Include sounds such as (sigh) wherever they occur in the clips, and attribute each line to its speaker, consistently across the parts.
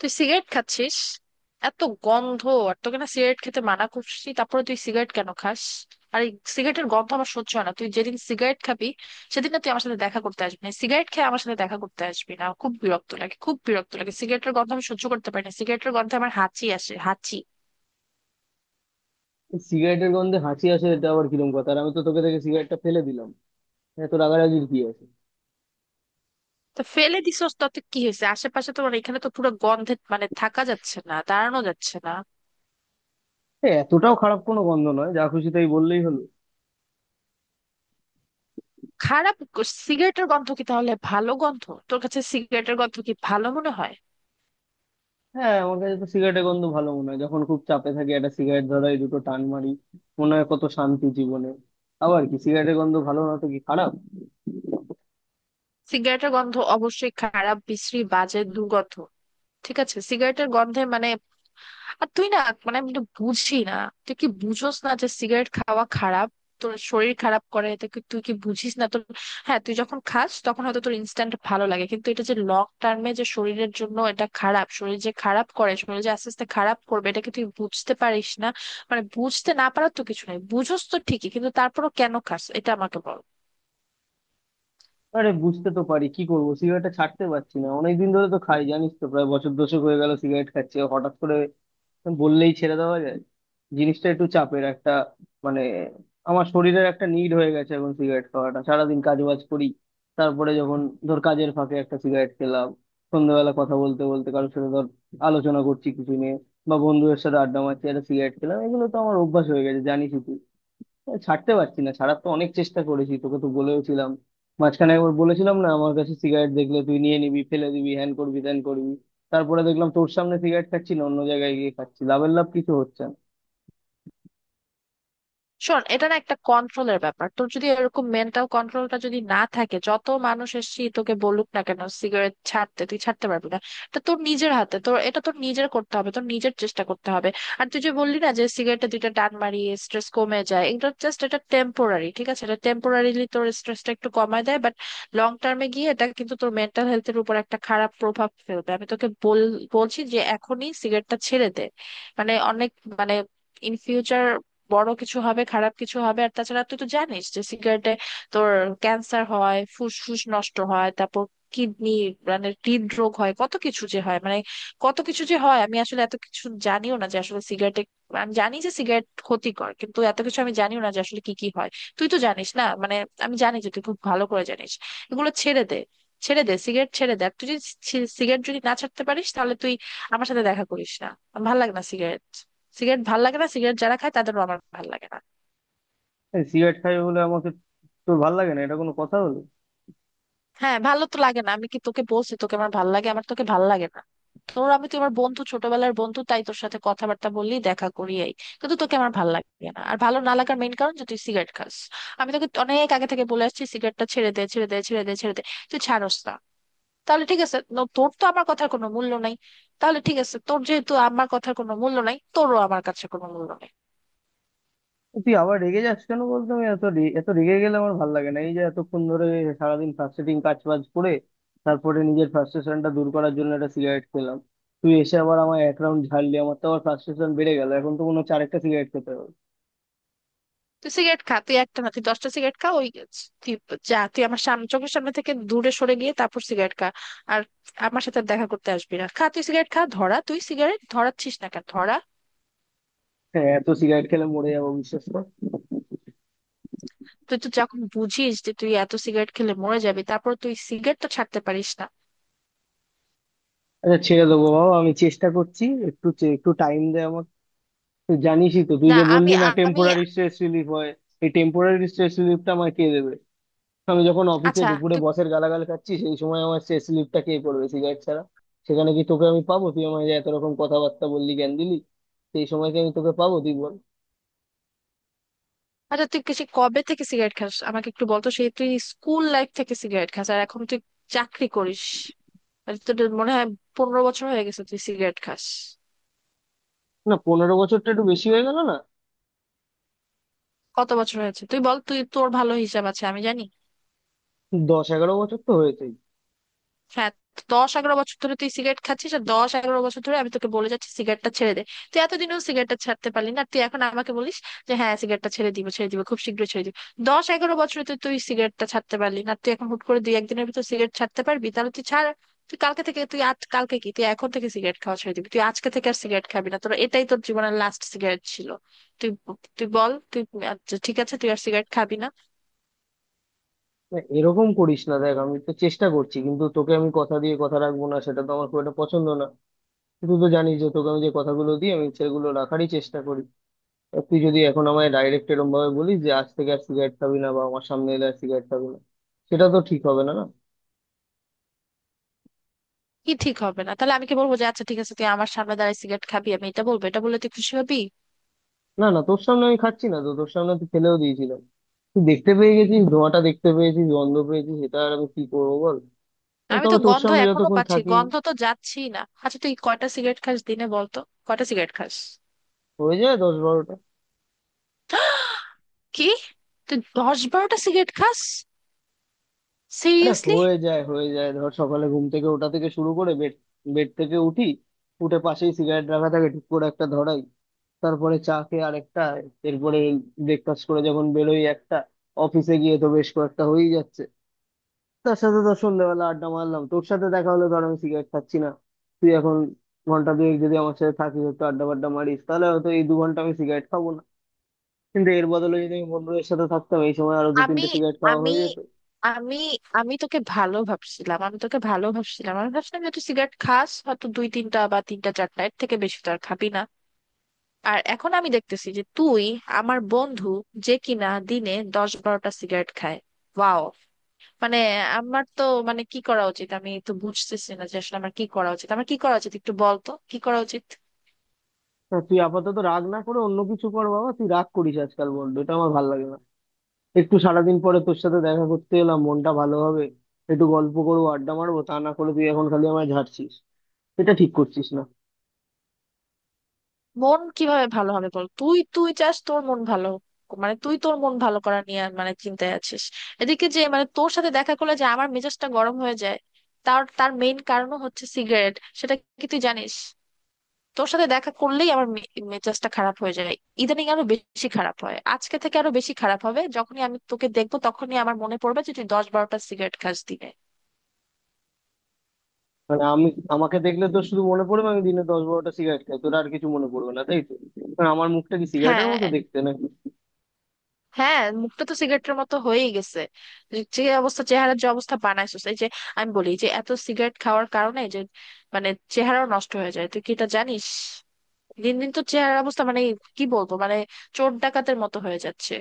Speaker 1: তুই সিগারেট খাচ্ছিস, এত গন্ধ! আর তোকে না সিগারেট খেতে মানা করছি, তারপরে তুই সিগারেট কেন খাস? আর এই সিগারেটের গন্ধ আমার সহ্য হয় না। তুই যেদিন সিগারেট খাবি সেদিন না তুই আমার সাথে দেখা করতে আসবি না, সিগারেট খেয়ে আমার সাথে দেখা করতে আসবি না। আমার খুব বিরক্ত লাগে, খুব বিরক্ত লাগে। সিগারেটের গন্ধ আমি সহ্য করতে পারি না। সিগারেটের গন্ধে আমার হাঁচি আসে, হাঁচি।
Speaker 2: সিগারেটের গন্ধে হাসি আসে, এটা আবার কিরম কথা? আর আমি তো তোকে দেখে সিগারেটটা ফেলে দিলাম। এত রাগারাগির কি আছে?
Speaker 1: তো ফেলে দিছস, তাতে কি হয়েছে? আশেপাশে তোমার এখানে তো পুরো গন্ধে, মানে, থাকা যাচ্ছে না, দাঁড়ানো যাচ্ছে না।
Speaker 2: এতটাও খারাপ কোনো গন্ধ নয়, যা খুশি তাই বললেই হলো?
Speaker 1: সিগারেটের গন্ধ কি তাহলে ভালো গন্ধ? তোর কাছে সিগারেটের গন্ধ কি ভালো মনে হয়?
Speaker 2: হ্যাঁ, আমার কাছে তো সিগারেটের গন্ধ ভালো মনে হয়। যখন খুব চাপে থাকি একটা সিগারেট ধরাই, দুটো টান মারি, মনে হয় কত শান্তি জীবনে। আবার কি সিগারেটের গন্ধ ভালো না তো কি খারাপ?
Speaker 1: সিগারেটের গন্ধ অবশ্যই খারাপ, বিশ্রী, বাজে, দুর্গন্ধ। ঠিক আছে, সিগারেটের গন্ধে, মানে, আর তুই না, মানে, আমি এটা বুঝি না। তুই কি বুঝোস না যে সিগারেট খাওয়া খারাপ? তোর শরীর খারাপ করে, এটা কি তুই কি বুঝিস না তোর? হ্যাঁ, তুই যখন খাস তখন হয়তো তোর ইনস্ট্যান্ট ভালো লাগে, কিন্তু এটা যে লং টার্মে যে শরীরের জন্য এটা খারাপ, শরীর যে খারাপ করে, শরীর যে আস্তে আস্তে খারাপ করবে, এটা কি তুই বুঝতে পারিস না? মানে বুঝতে না পারার তো কিছু নেই, বুঝোস তো ঠিকই, কিন্তু তারপরও কেন খাস এটা আমাকে বল।
Speaker 2: আরে বুঝতে তো পারি, কি করবো, সিগারেটটা ছাড়তে পারছি না। অনেকদিন ধরে তো খাই, জানিস তো, প্রায় বছর দশেক হয়ে গেল সিগারেট খাচ্ছি। আর হঠাৎ করে বললেই ছেড়ে দেওয়া যায়? জিনিসটা একটু চাপের একটা মানে, আমার শরীরের একটা নিড হয়ে গেছে এখন সিগারেট খাওয়াটা। সারাদিন কাজ বাজ করি, তারপরে যখন, ধর, কাজের ফাঁকে একটা সিগারেট খেলাম, সন্ধ্যাবেলা কথা বলতে বলতে কারোর সাথে, ধর, আলোচনা করছি কিছু নিয়ে, বা বন্ধুদের সাথে আড্ডা মারছি একটা সিগারেট খেলাম, এগুলো তো আমার অভ্যাস হয়ে গেছে, জানিসই তুই। ছাড়তে পারছি না, ছাড়ার তো অনেক চেষ্টা করেছি, তোকে তো বলেওছিলাম। মাঝখানে একবার বলেছিলাম না, আমার কাছে সিগারেট দেখলে তুই নিয়ে নিবি, ফেলে দিবি, হ্যান করবি, ত্যান করবি। তারপরে দেখলাম তোর সামনে সিগারেট খাচ্ছি না, অন্য জায়গায় গিয়ে খাচ্ছি, লাভের লাভ কিছু হচ্ছে না।
Speaker 1: শোন, এটা না একটা কন্ট্রোলের ব্যাপার। তোর যদি এরকম মেন্টাল কন্ট্রোলটা যদি না থাকে, যত মানুষ এসেছি তোকে বলুক না কেন সিগারেট ছাড়তে, তুই ছাড়তে পারবি না। এটা তোর নিজের হাতে, তোর এটা তোর নিজের করতে হবে, তোর নিজের চেষ্টা করতে হবে। আর তুই যে বললি না যে সিগারেটে দুইটা টান মারি স্ট্রেস কমে যায়, এটা জাস্ট, এটা টেম্পোরারি। ঠিক আছে, এটা টেম্পোরারিলি তোর স্ট্রেসটা একটু কমায় দেয়, বাট লং টার্মে গিয়ে এটা কিন্তু তোর মেন্টাল হেলথের উপর একটা খারাপ প্রভাব ফেলবে। আমি তোকে বল বলছি যে এখনই সিগারেটটা ছেড়ে দে। মানে অনেক, মানে, ইন ফিউচার বড় কিছু হবে, খারাপ কিছু হবে। আর তাছাড়া তুই তো জানিস যে সিগারেটে তোর ক্যান্সার হয়, ফুসফুস নষ্ট হয়, তারপর কিডনি, মানে হৃদরোগ হয়, কত কিছু যে হয়, মানে, কত কিছু যে হয়, আমি আসলে এত কিছু জানিও না যে আসলে সিগারেটে। আমি জানি যে সিগারেট ক্ষতিকর, কিন্তু এত কিছু আমি জানিও না যে আসলে কি কি হয়। তুই তো জানিস, না মানে, আমি জানি যে তুই খুব ভালো করে জানিস। এগুলো ছেড়ে দে, ছেড়ে দে, সিগারেট ছেড়ে দে। আর তুই যদি সিগারেট যদি না ছাড়তে পারিস তাহলে তুই আমার সাথে দেখা করিস না। আমার ভালো লাগে না সিগারেট, সিগারেট ভাল লাগে না, সিগারেট যারা খায় তাদেরও আমার ভাল লাগে না।
Speaker 2: এই সিগারেট খাই বলে আমাকে তোর ভাল লাগে না, এটা কোনো কথা হলো?
Speaker 1: হ্যাঁ, ভালো তো লাগে না। আমি কি তোকে বলছি তোকে আমার ভাল লাগে? আমার তোকে ভাল লাগে না। তোর, আমি তো, আমার বন্ধু, ছোটবেলার বন্ধু, তাই তোর সাথে কথাবার্তা বললি, দেখা করি এই, কিন্তু তোকে আমার ভাল লাগে না। আর ভালো না লাগার মেইন কারণ যে তুই সিগারেট খাস। আমি তোকে অনেক আগে থেকে বলে আসছি সিগারেটটা ছেড়ে দে, ছেড়ে দে, ছেড়ে দে, ছেড়ে দে। তুই ছাড়স না। তাহলে ঠিক আছে, তোর তো আমার কথার কোনো মূল্য নাই। তাহলে ঠিক আছে, তোর যেহেতু আমার কথার কোনো মূল্য নাই, তোরও আমার কাছে কোনো মূল্য নাই।
Speaker 2: তুই আবার রেগে যাস কেন বলতো, আমি এত রেগে গেলে আমার ভাল লাগে না। এই যে এতক্ষণ ধরে সারাদিন ফ্রাস্ট্রেটিং কাজ বাজ করে তারপরে নিজের ফ্রাস্ট্রেশনটা দূর করার জন্য একটা সিগারেট খেলাম, তুই এসে আবার আমার এক রাউন্ড ঝাড়লি, আমার তো আবার ফ্রাস্ট্রেশন বেড়ে গেল, এখন তো মনে হচ্ছে আরেকটা সিগারেট খেতে হবে।
Speaker 1: তুই সিগারেট খা, তুই একটা না তুই 10টা সিগারেট খা। ওই তুই, যা, তুই আমার সামনে, চোখের সামনে থেকে দূরে সরে গিয়ে তারপর সিগারেট খা। আর আমার সাথে আর দেখা করতে আসবি না। খা, তুই সিগারেট খা, ধরা, তুই সিগারেট ধরাচ্ছিস না কেন? ধরা।
Speaker 2: হ্যাঁ, এত সিগারেট খেলে মরে যাবো, বিশ্বাস কর।
Speaker 1: তুই তো যখন বুঝিস যে তুই এত সিগারেট খেলে মরে যাবি, তারপর তুই সিগারেট তো ছাড়তে পারিস না।
Speaker 2: আচ্ছা, ছেড়ে দেবো বাবা, আমি চেষ্টা করছি। একটু টাইম দে আমাকে। তুই জানিসই তো, তুই
Speaker 1: না
Speaker 2: যে বললি
Speaker 1: আমি,
Speaker 2: না,
Speaker 1: আমি,
Speaker 2: টেম্পোরারি স্ট্রেস রিলিফ হয়, এই টেম্পোরারি স্ট্রেস রিলিফটা আমায় কে দেবে? আমি যখন অফিসে
Speaker 1: আচ্ছা
Speaker 2: দুপুরে
Speaker 1: তুই,
Speaker 2: বসের গালাগাল খাচ্ছি, সেই সময় আমার স্ট্রেস রিলিফটা কে করবে সিগারেট ছাড়া? সেখানে কি তোকে আমি পাবো? তুই আমায় যে এত রকম কথাবার্তা বললি, জ্ঞান দিলি, সেই সময় কি আমি তোকে পাবো, তুই বল।
Speaker 1: আচ্ছা তুই সেই কবে থেকে সিগারেট খাস আমাকে একটু বলতো। সেই তুই স্কুল লাইফ থেকে সিগারেট খাস, আর এখন তুই চাকরি করিস। আর তোর মনে হয় 15 বছর হয়ে গেছে তুই সিগারেট খাস।
Speaker 2: না, 15 বছরটা একটু বেশি হয়ে গেল না?
Speaker 1: কত বছর হয়েছে তুই বল, তুই তোর ভালো হিসাব আছে আমি জানি।
Speaker 2: 10-11 বছর তো হয়েছে।
Speaker 1: হ্যাঁ, 10-11 বছর ধরে তুই সিগারেট খাচ্ছিস আর 10-11 বছর ধরে আমি তোকে বলে যাচ্ছি সিগারেটটা ছেড়ে দে। তুই এতদিনেও সিগারেটটা ছাড়তে পারলি না, আর তুই এখন আমাকে বলিস যে হ্যাঁ সিগারেটটা ছেড়ে দিব, ছেড়ে দিব, খুব শীঘ্রই ছেড়ে দিব। 10-11 বছরে তুই তুই সিগারেটটা ছাড়তে পারলি না, আর তুই এখন হুট করে দুই একদিনের ভিতর সিগারেট ছাড়তে পারবি? তাহলে তুই ছাড়। তুই কালকে থেকে, তুই আজ কালকে কি, তুই এখন থেকে সিগারেট খাওয়া ছেড়ে দিবি, তুই আজকে থেকে আর সিগারেট খাবি না, তোর এটাই তোর জীবনের লাস্ট সিগারেট ছিল। তুই, তুই বল, তুই, আচ্ছা ঠিক আছে তুই আর সিগারেট খাবি না।
Speaker 2: না, এরকম করিস না, দেখ আমি তো চেষ্টা করছি, কিন্তু তোকে আমি কথা দিয়ে কথা রাখবো না, সেটা তো আমার খুব একটা পছন্দ না। তুই তো জানিস যে তোকে আমি যে কথাগুলো দিই আমি সেগুলো রাখারই চেষ্টা করি। আর তুই যদি এখন আমায় ডাইরেক্ট এরকম ভাবে বলিস যে আজ থেকে আর সিগারেট খাবি না, বা আমার সামনে এলে আর সিগারেট খাবি না, সেটা তো ঠিক হবে না না।
Speaker 1: কি ঠিক হবে না? তাহলে আমি কি বলবো যে আচ্ছা ঠিক আছে তুই আমার সামনে দাঁড়ায় সিগারেট খাবি? আমি এটা বলবো? এটা বললে তুই খুশি হবি?
Speaker 2: না, না, তোর সামনে আমি খাচ্ছি না তো, তোর সামনে তো ফেলেও দিয়েছিলাম। তুই দেখতে পেয়ে গেছিস, ধোঁয়াটা দেখতে পেয়েছিস, গন্ধ পেয়েছিস, সেটা আর আমি কি করবো বল?
Speaker 1: আমি তো
Speaker 2: তবে তোর
Speaker 1: গন্ধ
Speaker 2: সামনে
Speaker 1: এখনো
Speaker 2: যতক্ষণ
Speaker 1: পাচ্ছি,
Speaker 2: থাকি,
Speaker 1: গন্ধ তো যাচ্ছি না। আচ্ছা তুই কয়টা সিগারেট খাস দিনে বলতো, কয়টা সিগারেট খাস?
Speaker 2: হয়ে যায় 10-12টা।
Speaker 1: (gasps) কি! তুই 10-12টা সিগারেট খাস?
Speaker 2: আরে
Speaker 1: সিরিয়াসলি?
Speaker 2: হয়ে যায়, হয়ে যায়, ধর সকালে ঘুম থেকে ওঠা থেকে শুরু করে, বেড, বেড থেকে উঠি, উঠে পাশেই সিগারেট রাখা থাকে, ঠিক করে একটা ধরাই, তারপরে চা খেয়ে আরেকটা, এরপরে ব্রেকফাস্ট করে যখন বেরোই একটা, অফিসে গিয়ে তো বেশ কয়েকটা হয়েই যাচ্ছে। তার সাথে ধর সন্ধ্যাবেলা আড্ডা মারলাম, তোর সাথে দেখা হলো, ধর আমি সিগারেট খাচ্ছি না, তুই এখন ঘন্টা দুয়েক যদি আমার সাথে থাকিস, একটু আড্ডা বাড্ডা মারিস, তাহলে হয়তো এই 2 ঘন্টা আমি সিগারেট খাবো না। কিন্তু এর বদলে যদি আমি বন্ধুদের সাথে থাকতাম, এই সময় আরো দু
Speaker 1: আমি
Speaker 2: তিনটে সিগারেট খাওয়া
Speaker 1: আমি
Speaker 2: হয়ে যেত।
Speaker 1: আমি আমি তোকে ভালো ভাবছিলাম, আমি তোকে ভালো ভাবছিলাম, আমি ভাবছিলাম যে তুই সিগারেট খাস হয়তো 2-3টা বা 3-4টা, এর থেকে বেশি তো আর খাবি না। আর এখন আমি দেখতেছি যে তুই আমার বন্ধু যে কিনা দিনে 10-12টা সিগারেট খায়। ওয়াও। মানে আমার তো, মানে কি করা উচিত, আমি তো বুঝতেছি না যে আসলে আমার কি করা উচিত, আমার কি করা উচিত একটু বল তো, কি করা উচিত।
Speaker 2: না তুই আপাতত রাগ না করে অন্য কিছু কর বাবা, তুই রাগ করিস আজকাল বড্ড, এটা আমার ভালো লাগে না। একটু সারাদিন পরে তোর সাথে দেখা করতে এলাম, মনটা ভালো হবে, একটু গল্প করবো, আড্ডা মারবো, তা না করে তুই এখন খালি আমায় ঝাড়ছিস, এটা ঠিক করছিস না।
Speaker 1: মন কিভাবে ভালো হবে বল? তুই, তুই চাস তোর মন ভালো হোক। মানে তুই তোর মন ভালো করা নিয়ে মানে চিন্তায় আছিস, এদিকে যে মানে তোর সাথে দেখা করলে যে আমার মেজাজটা গরম হয়ে যায়, তার তার মেইন কারণও হচ্ছে সিগারেট, সেটা কি তুই জানিস? তোর সাথে দেখা করলেই আমার মেজাজটা খারাপ হয়ে যায়। ইদানিং আরো বেশি খারাপ হয়, আজকে থেকে আরো বেশি খারাপ হবে। যখনই আমি তোকে দেখবো তখনই আমার মনে পড়বে যে তুই 10-12টা সিগারেট খাস দিনে।
Speaker 2: মানে আমি, আমাকে দেখলে তোর শুধু মনে পড়বে আমি দিনে 10-12টা সিগারেট খাই, তোর আর কিছু মনে পড়বে না, তাই তো? মানে আমার মুখটা কি সিগারেটের
Speaker 1: হ্যাঁ,
Speaker 2: মতো দেখতে না?
Speaker 1: হ্যাঁ, মুখটা তো সিগারেটের মতো হয়েই গেছে। যে যে অবস্থা চেহারার, যে অবস্থা বানাইছিস, এই যে আমি বলি যে এত সিগারেট খাওয়ার কারণে যে মানে চেহারাও নষ্ট হয়ে যায়, তুই কি এটা জানিস? দিন দিন তো চেহারার অবস্থা, মানে, কি বলবো, মানে, চোর ডাকাতের মতো হয়ে যাচ্ছে,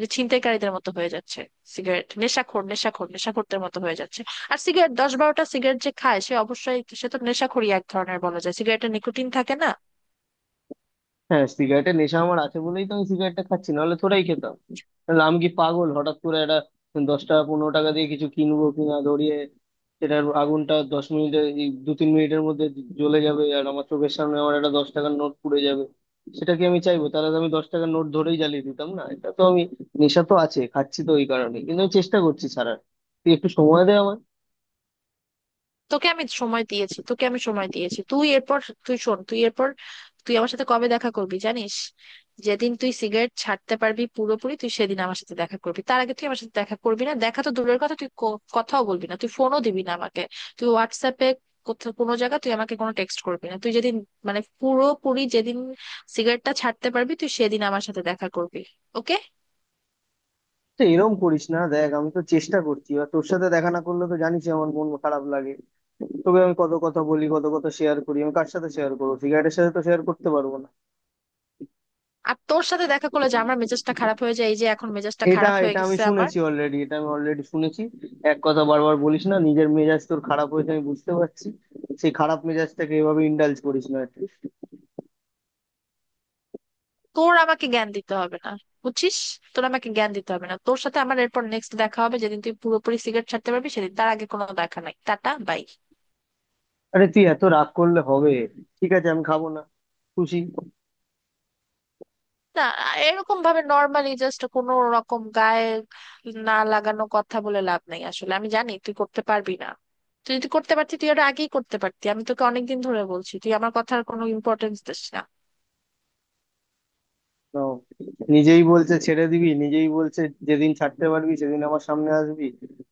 Speaker 1: যে ছিনতাইকারীদের মতো হয়ে যাচ্ছে, সিগারেট, নেশাখোর নেশাখোর নেশাখোরদের মতো হয়ে যাচ্ছে। আর সিগারেট, 10-12টা সিগারেট যে খায় সে অবশ্যই, সে তো নেশাখোরই এক ধরনের বলা যায়। সিগারেটে নিকোটিন থাকে না?
Speaker 2: হ্যাঁ, সিগারেটের নেশা আমার আছে বলেই তো আমি সিগারেটটা খাচ্ছি, নাহলে থোড়াই খেতাম। নাহলে আমি কি পাগল, হঠাৎ করে একটা 10 টাকা 15 টাকা দিয়ে কিছু কিনবো কিনা, ধরিয়ে সেটার আগুনটা 10 মিনিটে, এই 2-3 মিনিটের মধ্যে জ্বলে যাবে, আর আমার চোখের সামনে আমার একটা 10 টাকার নোট পুড়ে যাবে, সেটা কি আমি চাইবো? তাহলে তো আমি 10 টাকার নোট ধরেই জ্বালিয়ে দিতাম, না, এটা তো আমি, নেশা তো আছে, খাচ্ছি তো ওই কারণে, কিন্তু আমি চেষ্টা করছি ছাড়ার, তুই একটু সময় দে।
Speaker 1: তোকে আমি সময় দিয়েছি, তোকে আমি সময় দিয়েছি। তুই এরপর, তুই শোন, তুই এরপর, তুই আমার সাথে কবে দেখা করবি জানিস? যেদিন তুই সিগারেট ছাড়তে পারবি পুরোপুরি তুই সেদিন আমার সাথে দেখা করবি, তার আগে তুই আমার সাথে দেখা করবি না। দেখা তো দূরের কথা, তুই কথাও বলবি না, তুই ফোনও দিবি না আমাকে। তুই হোয়াটসঅ্যাপে কোথাও কোনো জায়গা তুই আমাকে কোনো টেক্সট করবি না। তুই যেদিন, মানে পুরোপুরি যেদিন সিগারেটটা ছাড়তে পারবি তুই সেদিন আমার সাথে দেখা করবি। ওকে?
Speaker 2: তো এরকম করিস না, দেখ আমি তো চেষ্টা করছি, এবার তোর সাথে দেখা না করলে তো জানিস আমার মন খারাপ লাগে। তোকে আমি কত কথা বলি, কত কথা শেয়ার করি, আমি কার সাথে শেয়ার করবো, সিগারেটের সাথে তো শেয়ার করতে পারবো না।
Speaker 1: আর তোর সাথে দেখা করলে যে আমার মেজাজটা খারাপ হয়ে যায়, এই যে এখন মেজাজটা
Speaker 2: এটা,
Speaker 1: খারাপ হয়ে
Speaker 2: এটা আমি
Speaker 1: গেছে আমার।
Speaker 2: শুনেছি অলরেডি, এটা আমি অলরেডি শুনেছি, এক কথা বারবার বলিস না। নিজের মেজাজ তোর খারাপ হয়েছে আমি বুঝতে পারছি, সেই খারাপ মেজাজটাকে এভাবে ইন্ডালজ করিস না আর কি।
Speaker 1: তোর আমাকে জ্ঞান দিতে হবে না, বুঝছিস? তোর আমাকে জ্ঞান দিতে হবে না। তোর সাথে আমার এরপর নেক্সট দেখা হবে যেদিন তুই পুরোপুরি সিগারেট ছাড়তে পারবি সেদিন। তার আগে কোনো দেখা নাই। Tata, by.
Speaker 2: আরে তুই এত রাগ করলে হবে? ঠিক আছে, আমি খাবো না, খুশি?
Speaker 1: না, এরকম ভাবে নর্মালি, জাস্ট কোনো রকম গায়ে না লাগানো কথা বলে লাভ নাই, আসলে আমি জানি তুই করতে পারবি না। তুই যদি করতে পারতি তুই এটা আগেই করতে পারতি। আমি তোকে অনেকদিন ধরে বলছি, তুই আমার কথার কোনো ইম্পর্টেন্স দিস না।
Speaker 2: তো নিজেই বলছে ছেড়ে দিবি, নিজেই বলছে যেদিন ছাড়তে পারবি সেদিন আমার সামনে আসবি,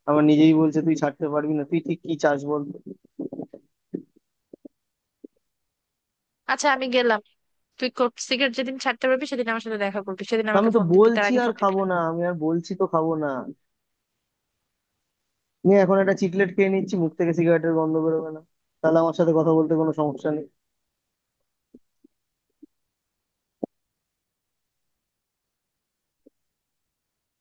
Speaker 2: আমার নিজেই বলছে তুই ছাড়তে পারবি না, তুই ঠিক কি চাস বল তো?
Speaker 1: আচ্ছা আমি গেলাম। তুই সিগারেট যেদিন ছাড়তে পারবি সেদিন আমার সাথে দেখা করবি, সেদিন
Speaker 2: তো আমি
Speaker 1: আমাকে
Speaker 2: তো
Speaker 1: ফোন দিবি, তার
Speaker 2: বলছি
Speaker 1: আগে
Speaker 2: আর
Speaker 1: ফোন দিবি
Speaker 2: খাবো
Speaker 1: না।
Speaker 2: না, আমি আর বলছি তো খাবো না, নিয়ে এখন একটা চিকলেট খেয়ে নিচ্ছি, মুখ থেকে সিগারেটের গন্ধ বেরোবে না, তাহলে আমার সাথে কথা বলতে কোনো সমস্যা নেই।